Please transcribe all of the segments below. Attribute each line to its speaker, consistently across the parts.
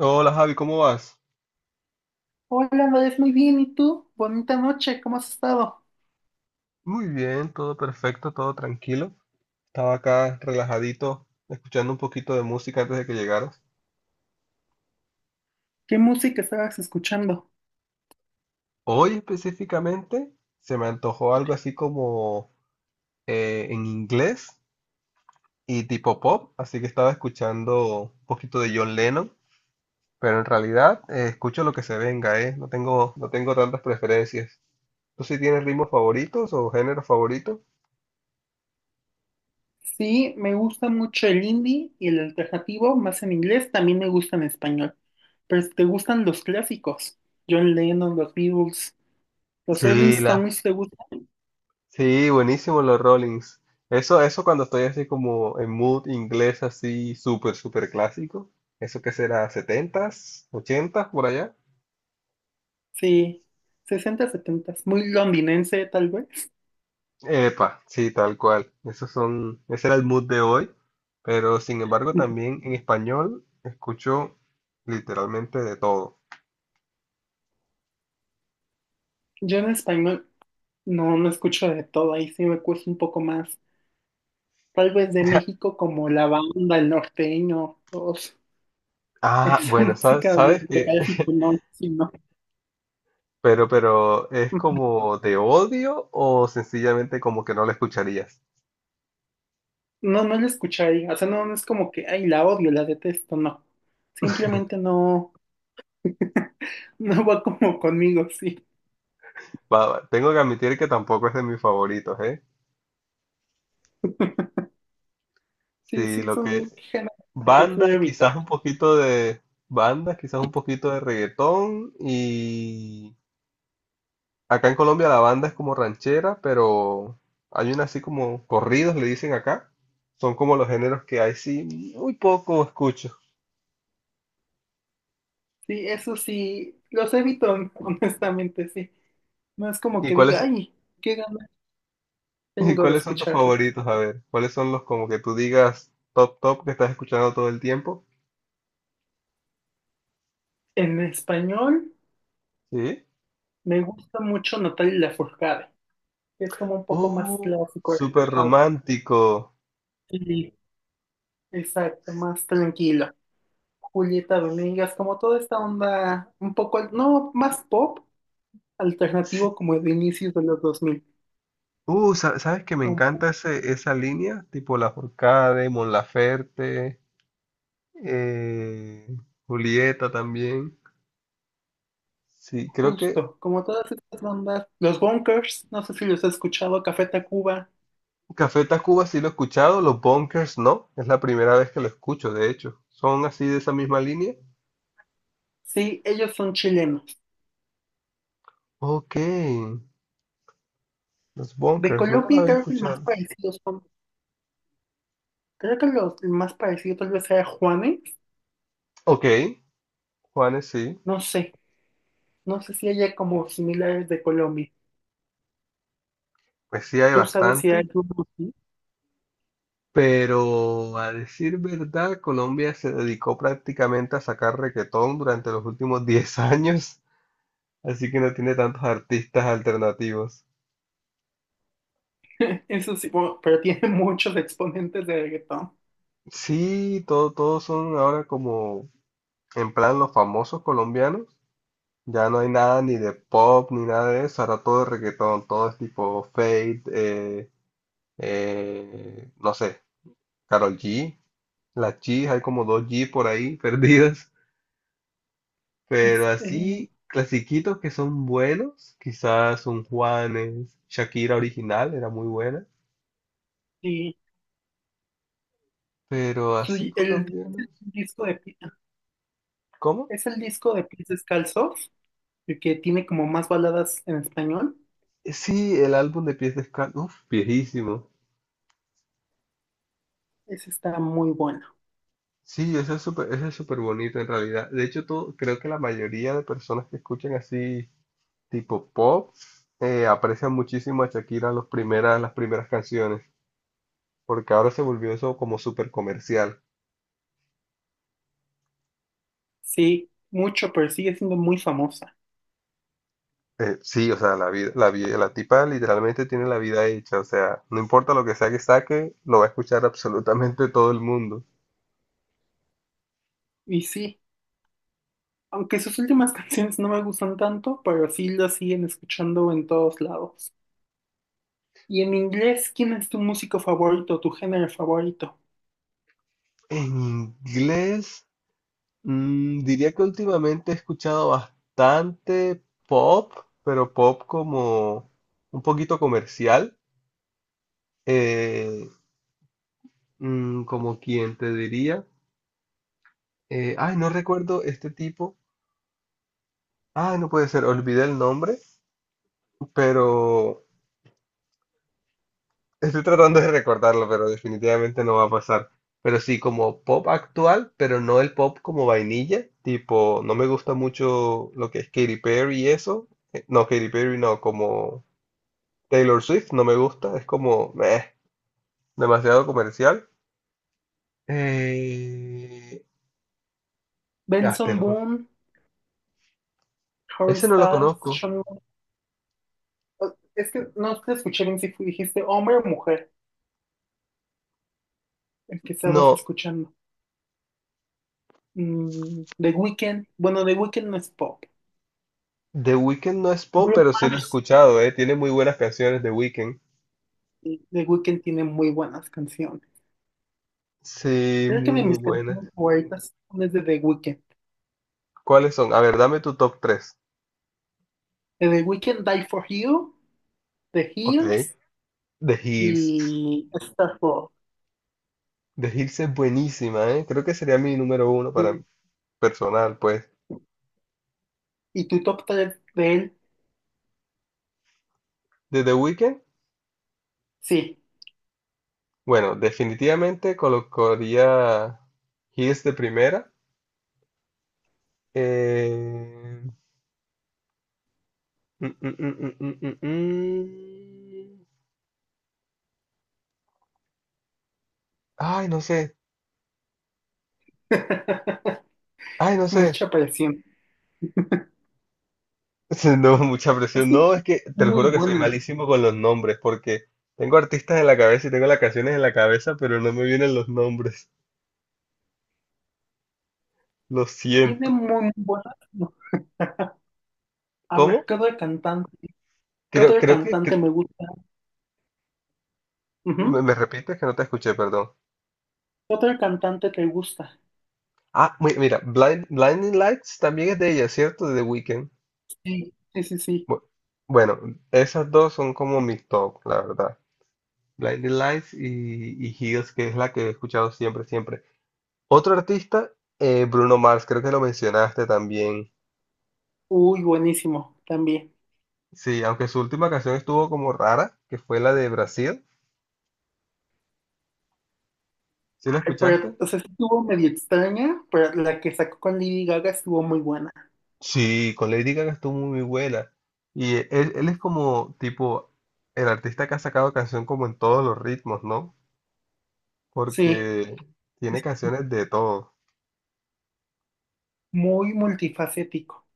Speaker 1: Hola Javi, ¿cómo vas?
Speaker 2: Hola, Andrés, muy bien. ¿Y tú? Bonita noche, ¿cómo has estado?
Speaker 1: Muy bien, todo perfecto, todo tranquilo. Estaba acá relajadito, escuchando un poquito de música antes de que llegaras.
Speaker 2: ¿Qué música estabas escuchando?
Speaker 1: Hoy específicamente se me antojó algo así como en inglés y tipo pop, así que estaba escuchando un poquito de John Lennon, pero en realidad escucho lo que se venga, ¿eh? No tengo tantas preferencias. ¿Tú sí tienes ritmos favoritos o géneros favoritos?
Speaker 2: Sí, me gusta mucho el indie y el alternativo, más en inglés, también me gusta en español. Pero si ¿te gustan los clásicos? John Lennon, los Beatles, los Rolling
Speaker 1: Sí, la,
Speaker 2: Stones, ¿te gustan?
Speaker 1: Sí, buenísimo los Rollings. Eso cuando estoy así como en mood inglés, así súper clásico. ¿Eso qué será? Setentas, ochentas por allá.
Speaker 2: Sí, 60, 70, muy londinense tal vez.
Speaker 1: Epa, sí, tal cual. Ese era el mood de hoy. Pero sin embargo, también en español escucho literalmente de todo.
Speaker 2: Yo en español no, no escucho de todo, ahí sí me cuesta un poco más. Tal vez de México como la banda, el norteño, todos.
Speaker 1: Ah,
Speaker 2: Esa
Speaker 1: bueno,
Speaker 2: música de Callejito, no, sí, no.
Speaker 1: ¿es como de odio o sencillamente como que no lo escucharías?
Speaker 2: No, no la escucharía. O sea, no, no es como que, ay, la odio, la detesto, no. Simplemente no, no va como conmigo, sí.
Speaker 1: Tengo que admitir que tampoco es de mis favoritos, ¿eh?
Speaker 2: Sí,
Speaker 1: Sí,
Speaker 2: sí,
Speaker 1: lo que
Speaker 2: son géneros que prefiero
Speaker 1: banda, quizás
Speaker 2: evitar.
Speaker 1: un poquito de banda, quizás un poquito de reggaetón y acá en Colombia la banda es como ranchera, pero hay una así como corridos le dicen acá. Son como los géneros que hay sí muy poco escucho.
Speaker 2: Sí, eso sí, los evito, honestamente, sí. No es como
Speaker 1: ¿Y
Speaker 2: que diga,
Speaker 1: cuáles
Speaker 2: ay, qué ganas
Speaker 1: ¿Y
Speaker 2: tengo de
Speaker 1: cuáles son tus
Speaker 2: escucharlo.
Speaker 1: favoritos? A ver, ¿cuáles son los como que tú digas top que estás escuchando todo el tiempo?
Speaker 2: En español
Speaker 1: Sí.
Speaker 2: me gusta mucho Natalia Lafourcade. Es como un poco más
Speaker 1: Oh,
Speaker 2: clásico,
Speaker 1: súper
Speaker 2: relajado.
Speaker 1: romántico.
Speaker 2: Sí, exacto, más tranquilo. Julieta Venegas, como toda esta onda un poco, no, más pop, alternativo
Speaker 1: Sí,
Speaker 2: como de inicios de los 2000,
Speaker 1: uh, ¿sabes que me
Speaker 2: como
Speaker 1: encanta esa línea? Tipo La Forcade, Mon Laferte, eh, Julieta también. Sí, creo que
Speaker 2: justo, como todas estas bandas, los Bunkers, no sé si los has escuchado, Café Tacuba,
Speaker 1: Café Tacuba sí lo he escuchado, Los Bunkers no. Es la primera vez que lo escucho, de hecho. ¿Son así de esa misma línea?
Speaker 2: sí, ellos son chilenos.
Speaker 1: Ok, Los
Speaker 2: De
Speaker 1: Bunkers, nunca lo
Speaker 2: Colombia
Speaker 1: había
Speaker 2: creo que el más
Speaker 1: escuchado.
Speaker 2: parecido son, el más parecido tal vez sea Juanes,
Speaker 1: Ok, Juanes sí,
Speaker 2: no sé, no sé si haya como similares de Colombia.
Speaker 1: pues sí hay
Speaker 2: ¿Tú sabes si hay
Speaker 1: bastante.
Speaker 2: alguno así?
Speaker 1: Pero a decir verdad, Colombia se dedicó prácticamente a sacar reguetón durante los últimos 10 años. Así que no tiene tantos artistas alternativos.
Speaker 2: Eso sí, bueno, pero tiene muchos exponentes de reggaetón.
Speaker 1: Sí, todos son ahora como en plan los famosos colombianos. Ya no hay nada ni de pop ni nada de eso. Ahora todo es reggaetón, todo es tipo Fate, no sé, Karol G, la G, hay como dos G por ahí perdidas. Pero así,
Speaker 2: Este,
Speaker 1: clasiquitos que son buenos, quizás un Juanes, Shakira original era muy buena.
Speaker 2: sí.
Speaker 1: Pero
Speaker 2: Su-
Speaker 1: así
Speaker 2: el
Speaker 1: colombianos,
Speaker 2: disco de, Pi-
Speaker 1: ¿cómo?
Speaker 2: es el disco de Pies Descalzos, el que tiene como más baladas en español.
Speaker 1: Sí, el álbum de Pies Descalzos, uf, viejísimo.
Speaker 2: Ese está muy bueno.
Speaker 1: Sí, ese es súper bonito en realidad. De hecho, todo, creo que la mayoría de personas que escuchan así tipo pop aprecian muchísimo a Shakira las primeras canciones, porque ahora se volvió eso como súper comercial.
Speaker 2: Sí, mucho, pero sigue siendo muy famosa.
Speaker 1: Sí, o sea, la vida, la tipa literalmente tiene la vida hecha, o sea, no importa lo que sea que saque, lo va a escuchar absolutamente todo el mundo.
Speaker 2: Y sí, aunque sus últimas canciones no me gustan tanto, pero sí las siguen escuchando en todos lados. Y en inglés, ¿quién es tu músico favorito, tu género favorito?
Speaker 1: En inglés. Mm, diría que últimamente he escuchado bastante pop, pero pop como un poquito comercial, eh, como quien te diría. Ay, no recuerdo este tipo. Ay, no puede ser, olvidé el nombre, pero estoy tratando de recordarlo, pero definitivamente no va a pasar. Pero sí, como pop actual, pero no el pop como vainilla, tipo, no me gusta mucho lo que es Katy Perry y eso. No, Katy Perry no, como... Taylor Swift no me gusta, es como meh, demasiado comercial. Eh, ah,
Speaker 2: Benson
Speaker 1: Taylor lo
Speaker 2: Boone, Harry
Speaker 1: Ese no lo
Speaker 2: Styles,
Speaker 1: conozco.
Speaker 2: Shawn Mendes. Es que no te escuché bien si dijiste hombre o mujer, el que estabas
Speaker 1: No,
Speaker 2: escuchando. The Weeknd, bueno, The Weeknd no es pop.
Speaker 1: The Weeknd no es pop,
Speaker 2: Bruno
Speaker 1: pero sí lo he
Speaker 2: Mars,
Speaker 1: escuchado, eh. Tiene muy buenas canciones The Weeknd.
Speaker 2: sí, The Weeknd tiene muy buenas canciones.
Speaker 1: Sí,
Speaker 2: Creo que
Speaker 1: muy,
Speaker 2: de
Speaker 1: muy
Speaker 2: mis
Speaker 1: buenas.
Speaker 2: canciones favoritas son las de The Weeknd.
Speaker 1: ¿Cuáles son? A ver, dame tu top tres.
Speaker 2: De The Weeknd, Die for You, The
Speaker 1: Ok.
Speaker 2: Hills
Speaker 1: The Hills.
Speaker 2: y Starfall.
Speaker 1: The Hills es buenísima, ¿eh? Creo que sería mi número uno para
Speaker 2: Y,
Speaker 1: personal, pues.
Speaker 2: y tu top 3 de él,
Speaker 1: De The Weeknd,
Speaker 2: sí.
Speaker 1: bueno, definitivamente colocaría Hills de primera. Eh, Mm, mm, mm, mm, mm, mm, mm. Ay, no sé. Ay, no sé.
Speaker 2: Mucha presión.
Speaker 1: No, mucha
Speaker 2: Es
Speaker 1: presión.
Speaker 2: que es
Speaker 1: No, es que te lo
Speaker 2: muy
Speaker 1: juro que soy
Speaker 2: buena.
Speaker 1: malísimo con los nombres porque tengo artistas en la cabeza y tengo las canciones en la cabeza, pero no me vienen los nombres. Lo
Speaker 2: Tiene
Speaker 1: siento.
Speaker 2: muy, muy buenas. No. A ver,
Speaker 1: ¿Cómo?
Speaker 2: ¿qué otro cantante? ¿Qué
Speaker 1: Creo,
Speaker 2: otro
Speaker 1: creo que...
Speaker 2: cantante
Speaker 1: cre-
Speaker 2: me gusta?
Speaker 1: me,
Speaker 2: Ujú.
Speaker 1: me repites que no te escuché, perdón.
Speaker 2: ¿Qué otro cantante te gusta?
Speaker 1: Ah, mira, Blinding Lights también es de ella, ¿cierto? De The Weeknd.
Speaker 2: Sí, sí, sí. Sí.
Speaker 1: Bu- Bueno, esas dos son como mi top, la verdad. Blinding Lights y Heels, que es la que he escuchado siempre. Otro artista, Bruno Mars, creo que lo mencionaste también.
Speaker 2: Uy, buenísimo, también.
Speaker 1: Sí, aunque su última canción estuvo como rara, que fue la de Brasil. ¿Sí la
Speaker 2: Ay,
Speaker 1: escuchaste?
Speaker 2: pero, o sea, sí estuvo medio extraña, pero la que sacó con Lady Gaga estuvo muy buena.
Speaker 1: Sí, con Lady Gaga estuvo muy buena. Y él es como, tipo, el artista que ha sacado canción como en todos los ritmos, ¿no?
Speaker 2: Sí,
Speaker 1: Porque tiene
Speaker 2: es
Speaker 1: canciones de todo.
Speaker 2: muy multifacético,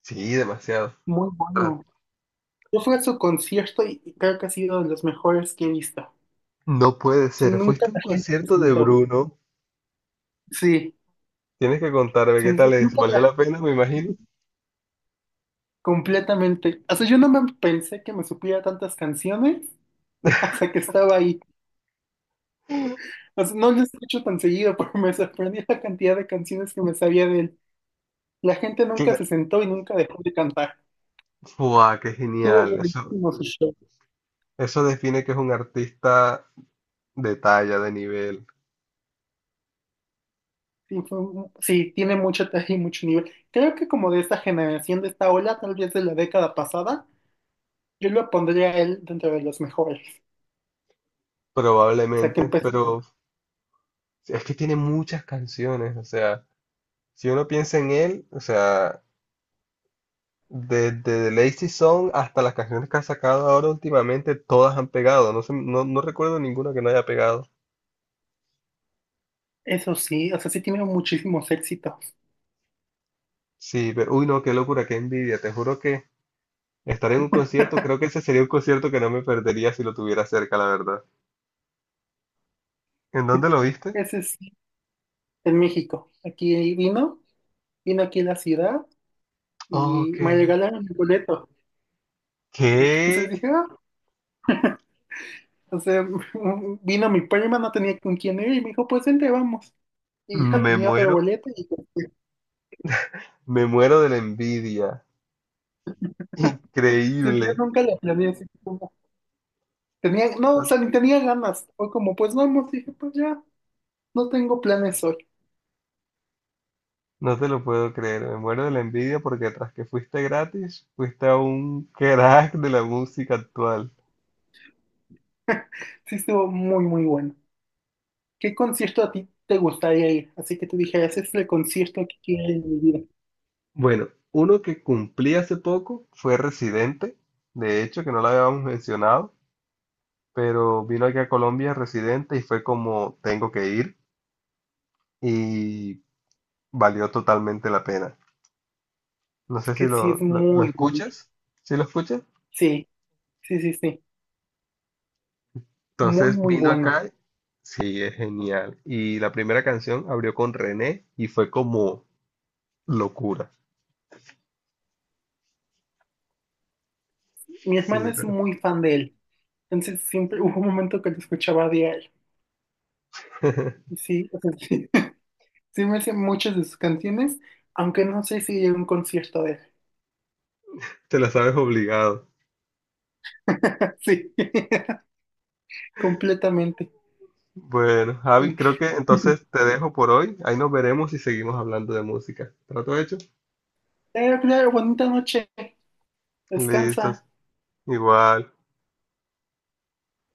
Speaker 1: Sí, demasiado.
Speaker 2: muy
Speaker 1: Ah,
Speaker 2: bueno. Yo fui a su concierto y creo que ha sido de los mejores que he visto. O
Speaker 1: no puede
Speaker 2: sea,
Speaker 1: ser.
Speaker 2: nunca
Speaker 1: Fuiste a un
Speaker 2: la gente se
Speaker 1: concierto de
Speaker 2: sentó.
Speaker 1: Bruno.
Speaker 2: Sí,
Speaker 1: Tienes que contarme
Speaker 2: sí,
Speaker 1: qué tal es.
Speaker 2: nunca
Speaker 1: ¿Valió
Speaker 2: la-
Speaker 1: la pena, me imagino?
Speaker 2: completamente. O sea, yo no me pensé que me supiera tantas canciones hasta que estaba ahí. O sea, no lo escucho tan seguido, pero me sorprendió la cantidad de canciones que me sabía de él. La gente nunca se
Speaker 1: Cla-
Speaker 2: sentó y nunca dejó de cantar.
Speaker 1: Fua, qué
Speaker 2: Estuvo
Speaker 1: genial.
Speaker 2: buenísimo su show.
Speaker 1: Eso define que es un artista de talla, de nivel,
Speaker 2: Sí, sí, tiene mucho talento y mucho nivel. Creo que como de esta generación, de esta ola, tal vez de la década pasada, yo lo pondría a él dentro de los mejores. O sea, que
Speaker 1: probablemente,
Speaker 2: empezó.
Speaker 1: pero es que tiene muchas canciones, o sea, si uno piensa en él, o sea, desde The Lazy Song hasta las canciones que ha sacado ahora últimamente, todas han pegado, no sé, no recuerdo ninguna que no haya pegado.
Speaker 2: Eso sí, o sea, sí tiene muchísimos éxitos.
Speaker 1: Sí, pero, uy, no, qué locura, qué envidia, te juro que estar en un concierto, creo que ese sería un concierto que no me perdería si lo tuviera cerca, la verdad. ¿En dónde lo viste?
Speaker 2: Ese sí, en México. Aquí vino aquí a la ciudad y
Speaker 1: Ok.
Speaker 2: me regalaron el boleto. Entonces
Speaker 1: ¿Qué?
Speaker 2: dije, ah, o sea, vino mi prima, no tenía con quién ir y me dijo, pues vente, vamos. Y ya
Speaker 1: Me
Speaker 2: tenía otro
Speaker 1: muero.
Speaker 2: boleto y este,
Speaker 1: Me muero de la envidia.
Speaker 2: sí,
Speaker 1: Increíble.
Speaker 2: yo nunca la planeé así como. Tenía, no, o sea, ni tenía ganas. Fue como, pues vamos, dije, pues ya, no tengo planes hoy.
Speaker 1: No te lo puedo creer. Me muero de la envidia porque tras que fuiste gratis, fuiste a un crack de la música actual.
Speaker 2: Sí, estuvo muy, muy bueno. ¿Qué concierto a ti te gustaría ir? Así que tú dijeras, "Ese es el concierto que quiero ir en mi vida.
Speaker 1: Bueno, uno que cumplí hace poco fue Residente. De hecho, que no lo habíamos mencionado, pero vino aquí a Colombia Residente y fue como tengo que ir y valió totalmente la pena. No
Speaker 2: Es
Speaker 1: sé si
Speaker 2: que sí, es
Speaker 1: lo
Speaker 2: muy bueno.
Speaker 1: escuchas. ¿Sí lo escuchas?
Speaker 2: Sí, sí, sí, sí. Muy,
Speaker 1: Entonces
Speaker 2: muy
Speaker 1: vino
Speaker 2: bueno.
Speaker 1: acá, sí, es genial. Y la primera canción abrió con René y fue como locura.
Speaker 2: Mi hermana
Speaker 1: Sí,
Speaker 2: es
Speaker 1: pero
Speaker 2: muy fan de él. Entonces siempre hubo un momento que lo escuchaba diario. Y sí, o sea, sí, sí me sé muchas de sus canciones, aunque no sé si iría a un concierto de él.
Speaker 1: te la sabes obligado.
Speaker 2: Sí, completamente.
Speaker 1: Bueno, Javi,
Speaker 2: Como,
Speaker 1: creo que entonces te dejo por hoy. Ahí nos veremos y seguimos hablando de música. ¿Trato hecho?
Speaker 2: Claro, bonita noche, descansa.
Speaker 1: Listos. Igual.